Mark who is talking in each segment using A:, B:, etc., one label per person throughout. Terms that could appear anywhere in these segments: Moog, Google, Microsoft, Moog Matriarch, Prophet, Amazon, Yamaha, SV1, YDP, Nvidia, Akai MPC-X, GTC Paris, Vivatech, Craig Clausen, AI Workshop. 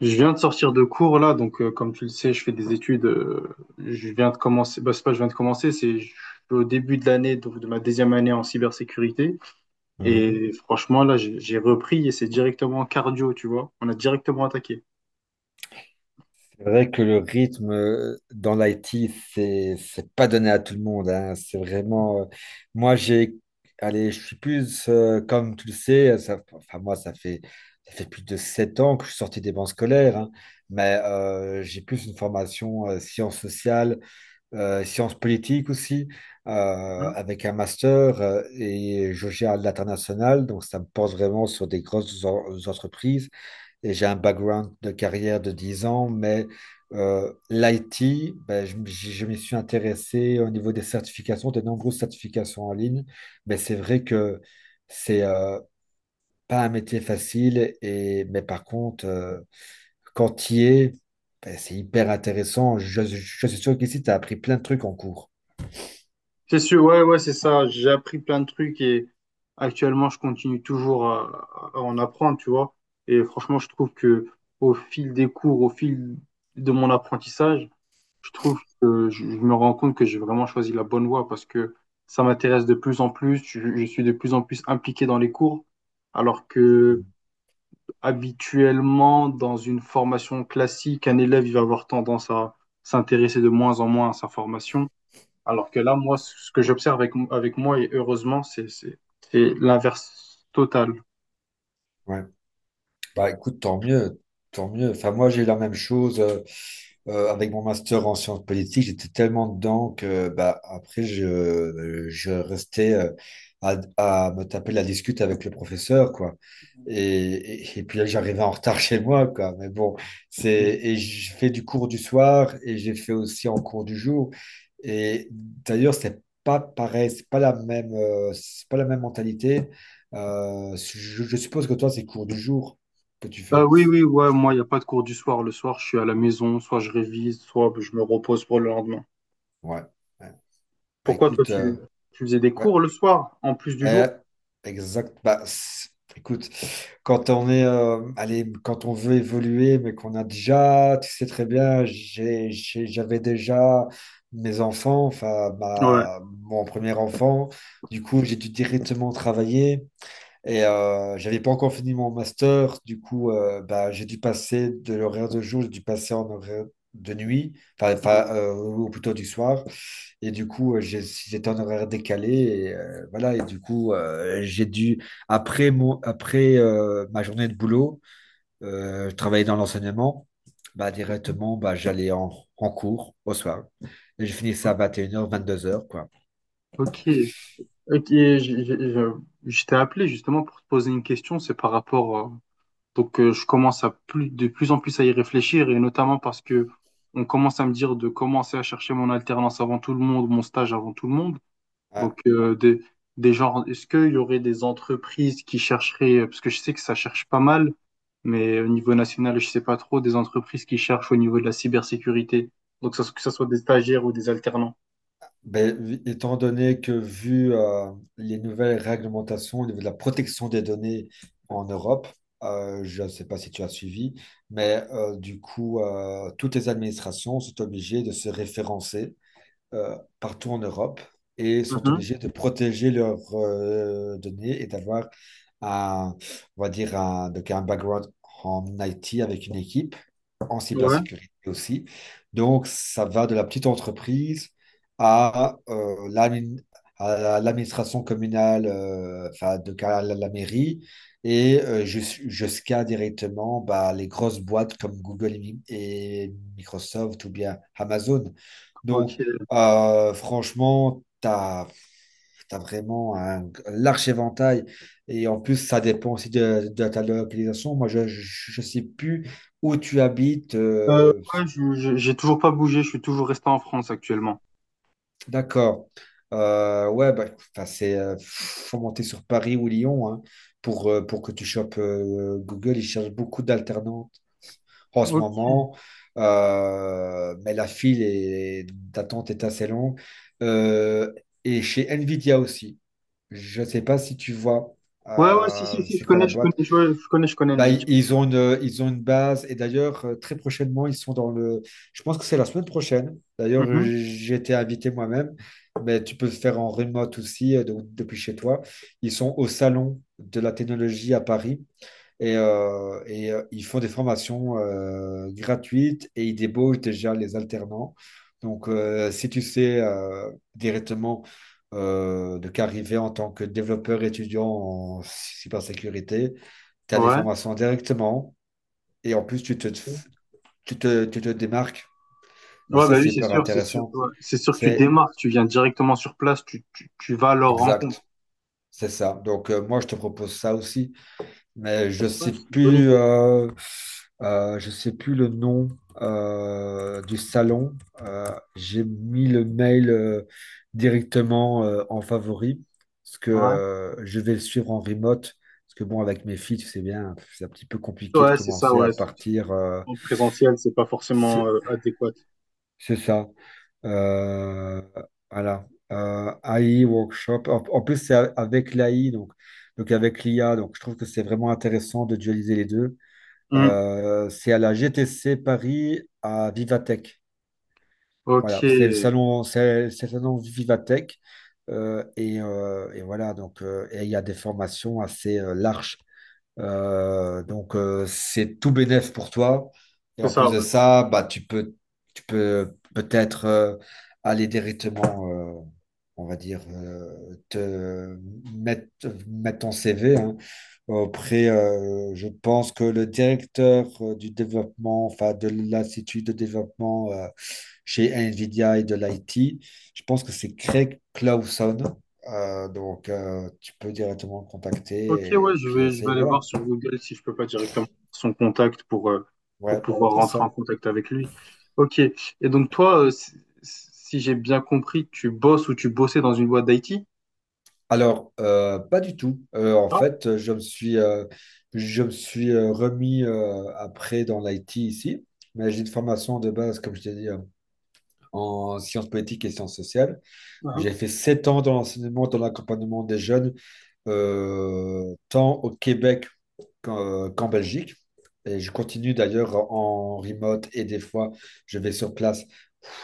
A: Je viens de sortir de cours là, donc comme tu le sais, je fais des études. Je viens de commencer, bah, c'est pas je viens de commencer, c'est je suis au début de l'année, donc de ma deuxième année en cybersécurité.
B: Mhm.
A: Et franchement, là, j'ai repris et c'est directement cardio, tu vois. On a directement attaqué.
B: C'est vrai que le rythme dans l'IT, c'est pas donné à tout le monde, hein. C'est vraiment. Moi, j'ai. Allez, je suis plus. Comme tu le sais, ça, enfin, moi, ça fait plus de 7 ans que je suis sorti des bancs scolaires, hein. Mais j'ai plus une formation sciences sociales, sciences politiques aussi,
A: Mhm.
B: avec un master, et je gère l'international, donc ça me porte vraiment sur des grosses entreprises. Et j'ai un background de carrière de 10 ans, mais l'IT, ben, je m'y suis intéressé au niveau des certifications, de nombreuses certifications en ligne, mais c'est vrai que c'est pas un métier facile, et, mais par contre, quand y est, ben, c'est hyper intéressant. Je suis sûr qu'ici, tu as appris plein de trucs en cours.
A: C'est sûr, ouais, ouais, c'est ça. J'ai appris plein de trucs et actuellement, je continue toujours à en apprendre, tu vois. Et franchement, je trouve que au fil des cours, au fil de mon apprentissage, je trouve que je me rends compte que j'ai vraiment choisi la bonne voie parce que ça m'intéresse de plus en plus. Je suis de plus en plus impliqué dans les cours, alors que habituellement, dans une formation classique, un élève, il va avoir tendance à s'intéresser de moins en moins à sa formation. Alors que là, moi, ce que j'observe avec, avec moi, et heureusement, c'est l'inverse total.
B: Ouais. Bah écoute, tant mieux, tant mieux. Enfin, moi, j'ai eu la même chose, avec mon master en sciences politiques. J'étais tellement dedans que bah, après, je restais, à me taper la discute avec le professeur, quoi. Et, et puis là, j'arrivais en retard chez moi, quoi. Mais bon,
A: Mm.
B: et je fais du cours du soir et j'ai fait aussi en cours du jour. Et d'ailleurs, c'est pas pareil, c'est pas la même mentalité. Je suppose que toi, c'est cours du jour que tu fais.
A: Oui, oui, ouais, moi, il n'y a pas de cours du soir. Le soir, je suis à la maison, soit je révise, soit je me repose pour le lendemain.
B: Ouais. Ouais. Bah,
A: Pourquoi toi
B: écoute,
A: tu, Tu faisais des
B: ouais.
A: cours le soir en plus du
B: Euh,
A: jour?
B: Exact. Écoute, quand on veut évoluer, mais qu'on a déjà, tu sais très bien, j'avais déjà mes enfants, enfin,
A: Ouais.
B: mon premier enfant. Du coup, j'ai dû directement travailler. Et j'avais pas encore fini mon master, du coup, bah, j'ai dû passer de l'horaire de jour, j'ai dû passer en horaire de nuit, enfin, ou plutôt du soir. Et du coup, j'étais en horaire décalé, et voilà. Et du coup, j'ai dû, après, après ma journée de boulot, travailler dans l'enseignement, bah, directement, bah, j'allais en cours au soir. Et je finissais à 21 vingt-deux heures, quoi.
A: Ok, ok, je t'ai appelé justement pour te poser une question, c'est par rapport, donc je commence à plus, de plus en plus à y réfléchir et notamment parce que on commence à me dire de commencer à chercher mon alternance avant tout le monde, mon stage avant tout le monde.
B: Ah.
A: Donc, des genres, est-ce qu'il y aurait des entreprises qui chercheraient, parce que je sais que ça cherche pas mal, mais au niveau national, je sais pas trop, des entreprises qui cherchent au niveau de la cybersécurité. Donc, que ce soit des stagiaires ou des alternants.
B: Ben, étant donné que, vu les nouvelles réglementations au niveau de la protection des données en Europe, je ne sais pas si tu as suivi, mais du coup, toutes les administrations sont obligées de se référencer partout en Europe et sont
A: Mhm.
B: obligés de protéger leurs données et d'avoir un, on va dire un, donc un background en IT avec une équipe en
A: Ouais.
B: cybersécurité aussi. Donc, ça va de la petite entreprise à à l'administration communale, enfin, de à la mairie, et jusqu'à directement bah, les grosses boîtes comme Google et Microsoft ou bien Amazon.
A: Ok.
B: Donc, franchement, t'as vraiment un large éventail. Et en plus, ça dépend aussi de ta localisation. Moi, je sais plus où tu habites.
A: Ouais, j'ai toujours pas bougé, je suis toujours resté en France actuellement.
B: D'accord. Ouais, bah, enfin, faut monter sur Paris ou Lyon, hein, pour que tu chopes Google. Ils cherchent beaucoup d'alternantes en ce
A: Ok.
B: moment. Mais la file d'attente est assez longue. Euh, et chez Nvidia aussi. Je sais pas si tu vois,
A: Ouais, ouais, si, si, si, je
B: c'est quoi
A: connais,
B: la
A: je connais,
B: boîte?
A: je, ouais, je connais
B: Bah,
A: Nvidia.
B: ils ont une base, et d'ailleurs, très prochainement, ils sont dans le. Je pense que c'est la semaine prochaine. D'ailleurs,
A: Mhm.
B: j'ai été invité moi-même, mais tu peux le faire en remote aussi, donc depuis chez toi. Ils sont au Salon de la technologie à Paris. Ils font des formations gratuites et ils débauchent déjà les alternants. Donc, si tu sais directement, de qu'arriver en tant que développeur étudiant en cybersécurité, tu as des
A: Ouais.
B: formations directement et en plus, tu te démarques. Bon,
A: Ouais,
B: ça,
A: bah
B: c'est
A: oui, c'est
B: hyper
A: sûr, c'est sûr,
B: intéressant.
A: ouais. C'est sûr que tu
B: C'est
A: démarres, tu viens directement sur place, tu vas à leur rencontre.
B: exact. C'est ça. Donc, moi, je te propose ça aussi. Mais
A: Ouais, c'est une bonne idée.
B: je sais plus le nom du salon. J'ai mis le mail directement en favori parce que
A: Ouais,
B: je vais le suivre en remote. Parce que bon, avec mes filles, tu sais bien, c'est un petit peu compliqué de
A: ouais c'est ça,
B: commencer à partir.
A: En présentiel, c'est pas forcément
B: c'est
A: adéquat.
B: c'est ça. Euh, voilà. AI Workshop. En plus, c'est avec l'AI, donc avec l'IA. Donc, je trouve que c'est vraiment intéressant de dualiser les deux.
A: Hmm.
B: C'est à la GTC Paris à Vivatech.
A: Ok,
B: Voilà, c'est le
A: c'est
B: salon, c'est le salon Vivatech. Et voilà, donc et il y a des formations assez larges. Donc, c'est tout bénef pour toi. Et en
A: ça,
B: plus de
A: ouais.
B: ça, bah, tu peux peut-être, aller directement, euh, on va dire, mettre, mettre ton CV, hein, auprès, je pense que le directeur du développement, enfin de l'Institut de développement chez NVIDIA et de l'IT, je pense que c'est Craig Clausen. Donc, tu peux directement le
A: Ok,
B: contacter et
A: ouais,
B: puis
A: je vais
B: essayer,
A: aller
B: voilà.
A: voir sur Google si je peux pas directement faire son contact pour
B: Ouais,
A: pouvoir
B: c'est
A: rentrer en
B: ça.
A: contact avec lui. Ok, et donc toi, si, si j'ai bien compris, tu bosses ou tu bossais dans une boîte d'IT?
B: Alors, pas du tout. En
A: Ah,
B: fait, je me suis remis, après dans l'IT ici, mais j'ai une formation de base, comme je t'ai dit, en sciences politiques et sciences sociales.
A: uh-huh.
B: J'ai fait 7 ans dans l'enseignement, dans l'accompagnement des jeunes, tant au Québec qu'en Belgique. Et je continue d'ailleurs en remote et des fois je vais sur place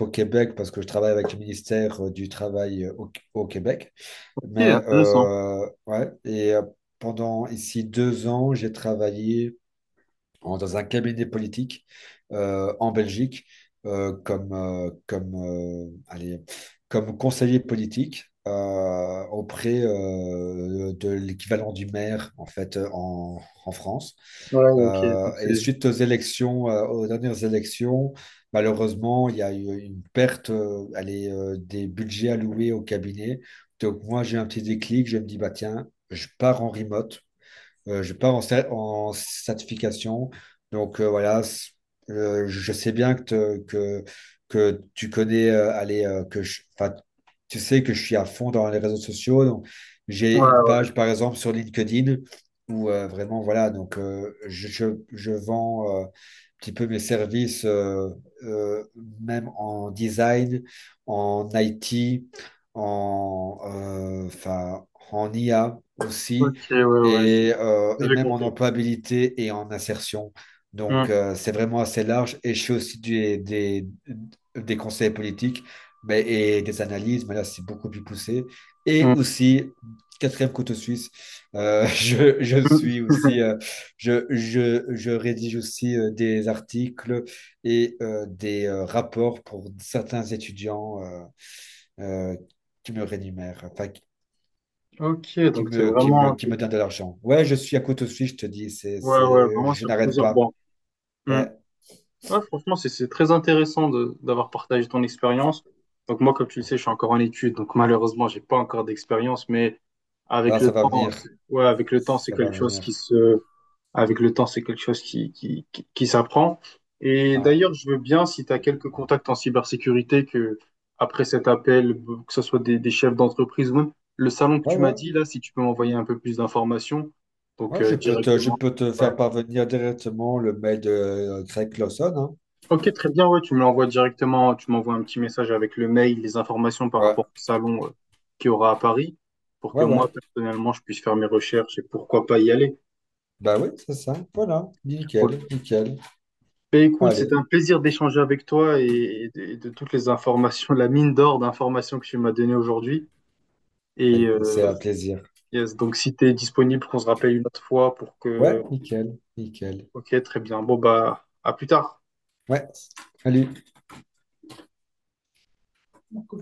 B: au Québec parce que je travaille avec le ministère du Travail, au Québec.
A: Ok,
B: Mais
A: intéressant.
B: ouais, et pendant ici 2 ans, j'ai travaillé dans un cabinet politique en Belgique, allez, comme conseiller politique auprès de l'équivalent du maire en fait, en France.
A: Ouais, ok, donc...
B: Et
A: c'est...
B: suite aux élections, aux dernières élections, malheureusement, il y a eu une perte, allez, des budgets alloués au cabinet. Donc moi, j'ai un petit déclic, je me dis, bah tiens, je pars en remote. Je pars en certification. Donc voilà, je sais bien que tu connais, allez, enfin, tu sais que je suis à fond dans les réseaux sociaux. Donc,
A: Ouais,
B: j'ai une
A: ouais,
B: page, par exemple, sur LinkedIn où vraiment, voilà, donc je vends un petit peu mes services, euh, même en design, en IT, enfin, en IA
A: ok,
B: aussi
A: ouais, ouais,
B: et
A: j'avais
B: même en
A: compris.
B: employabilité et en insertion.
A: Hmm,
B: Donc, c'est vraiment assez large. Et je fais aussi des conseils politiques, et des analyses, mais là, c'est beaucoup plus poussé. Et
A: hmm,
B: aussi, quatrième couteau suisse, je
A: hmm.
B: suis aussi, je rédige aussi des articles et des rapports pour certains étudiants, euh, qui me rémunèrent, enfin,
A: Ok,
B: qui
A: donc c'est
B: me, qui me,
A: vraiment...
B: qui me donne de l'argent. Ouais, je suis à couteau suisse, je te dis,
A: Ouais, ouais, vraiment
B: je
A: sur
B: n'arrête
A: plusieurs
B: pas.
A: bancs. Hmm.
B: Ouais,
A: Ouais, franchement, c'est très intéressant de d'avoir partagé ton expérience. Donc moi, comme tu le sais, je suis encore en études, donc malheureusement, j'ai pas encore d'expérience, mais avec
B: là,
A: le
B: ça va
A: temps,
B: venir.
A: ouais, avec le temps, c'est
B: Ça va
A: quelque chose
B: venir.
A: avec le temps, c'est quelque chose qui s'apprend. Et
B: Ouais,
A: d'ailleurs, je veux bien, si tu as quelques contacts en cybersécurité, que après cet appel, que ce soit des chefs d'entreprise ou même le salon que
B: ouais,
A: tu m'as
B: ouais.
A: dit là, si tu peux m'envoyer un peu plus d'informations, donc
B: Ouais, je
A: directement.
B: peux te
A: Ouais,
B: faire parvenir directement le mail de Craig Clausen, hein.
A: ok, très bien, ouais, tu me l'envoies directement, tu m'envoies un petit message avec le mail, les informations par
B: Ouais,
A: rapport au salon qui aura à Paris, pour que
B: ouais, ouais.
A: moi, personnellement, je puisse faire mes recherches et pourquoi pas y aller.
B: Bah oui, c'est ça. Voilà.
A: Ouais.
B: Nickel, nickel.
A: Ben, écoute, c'est
B: Allez,
A: un plaisir d'échanger avec toi et de toutes les informations, la mine d'or d'informations que tu m'as données aujourd'hui.
B: bah
A: Et
B: écoute, c'est un plaisir.
A: yes, donc, si tu es disponible, qu'on se rappelle une autre fois pour
B: Ouais,
A: que...
B: nickel, nickel.
A: Ok, très bien. Bon, bah, à plus tard.
B: Ouais, salut.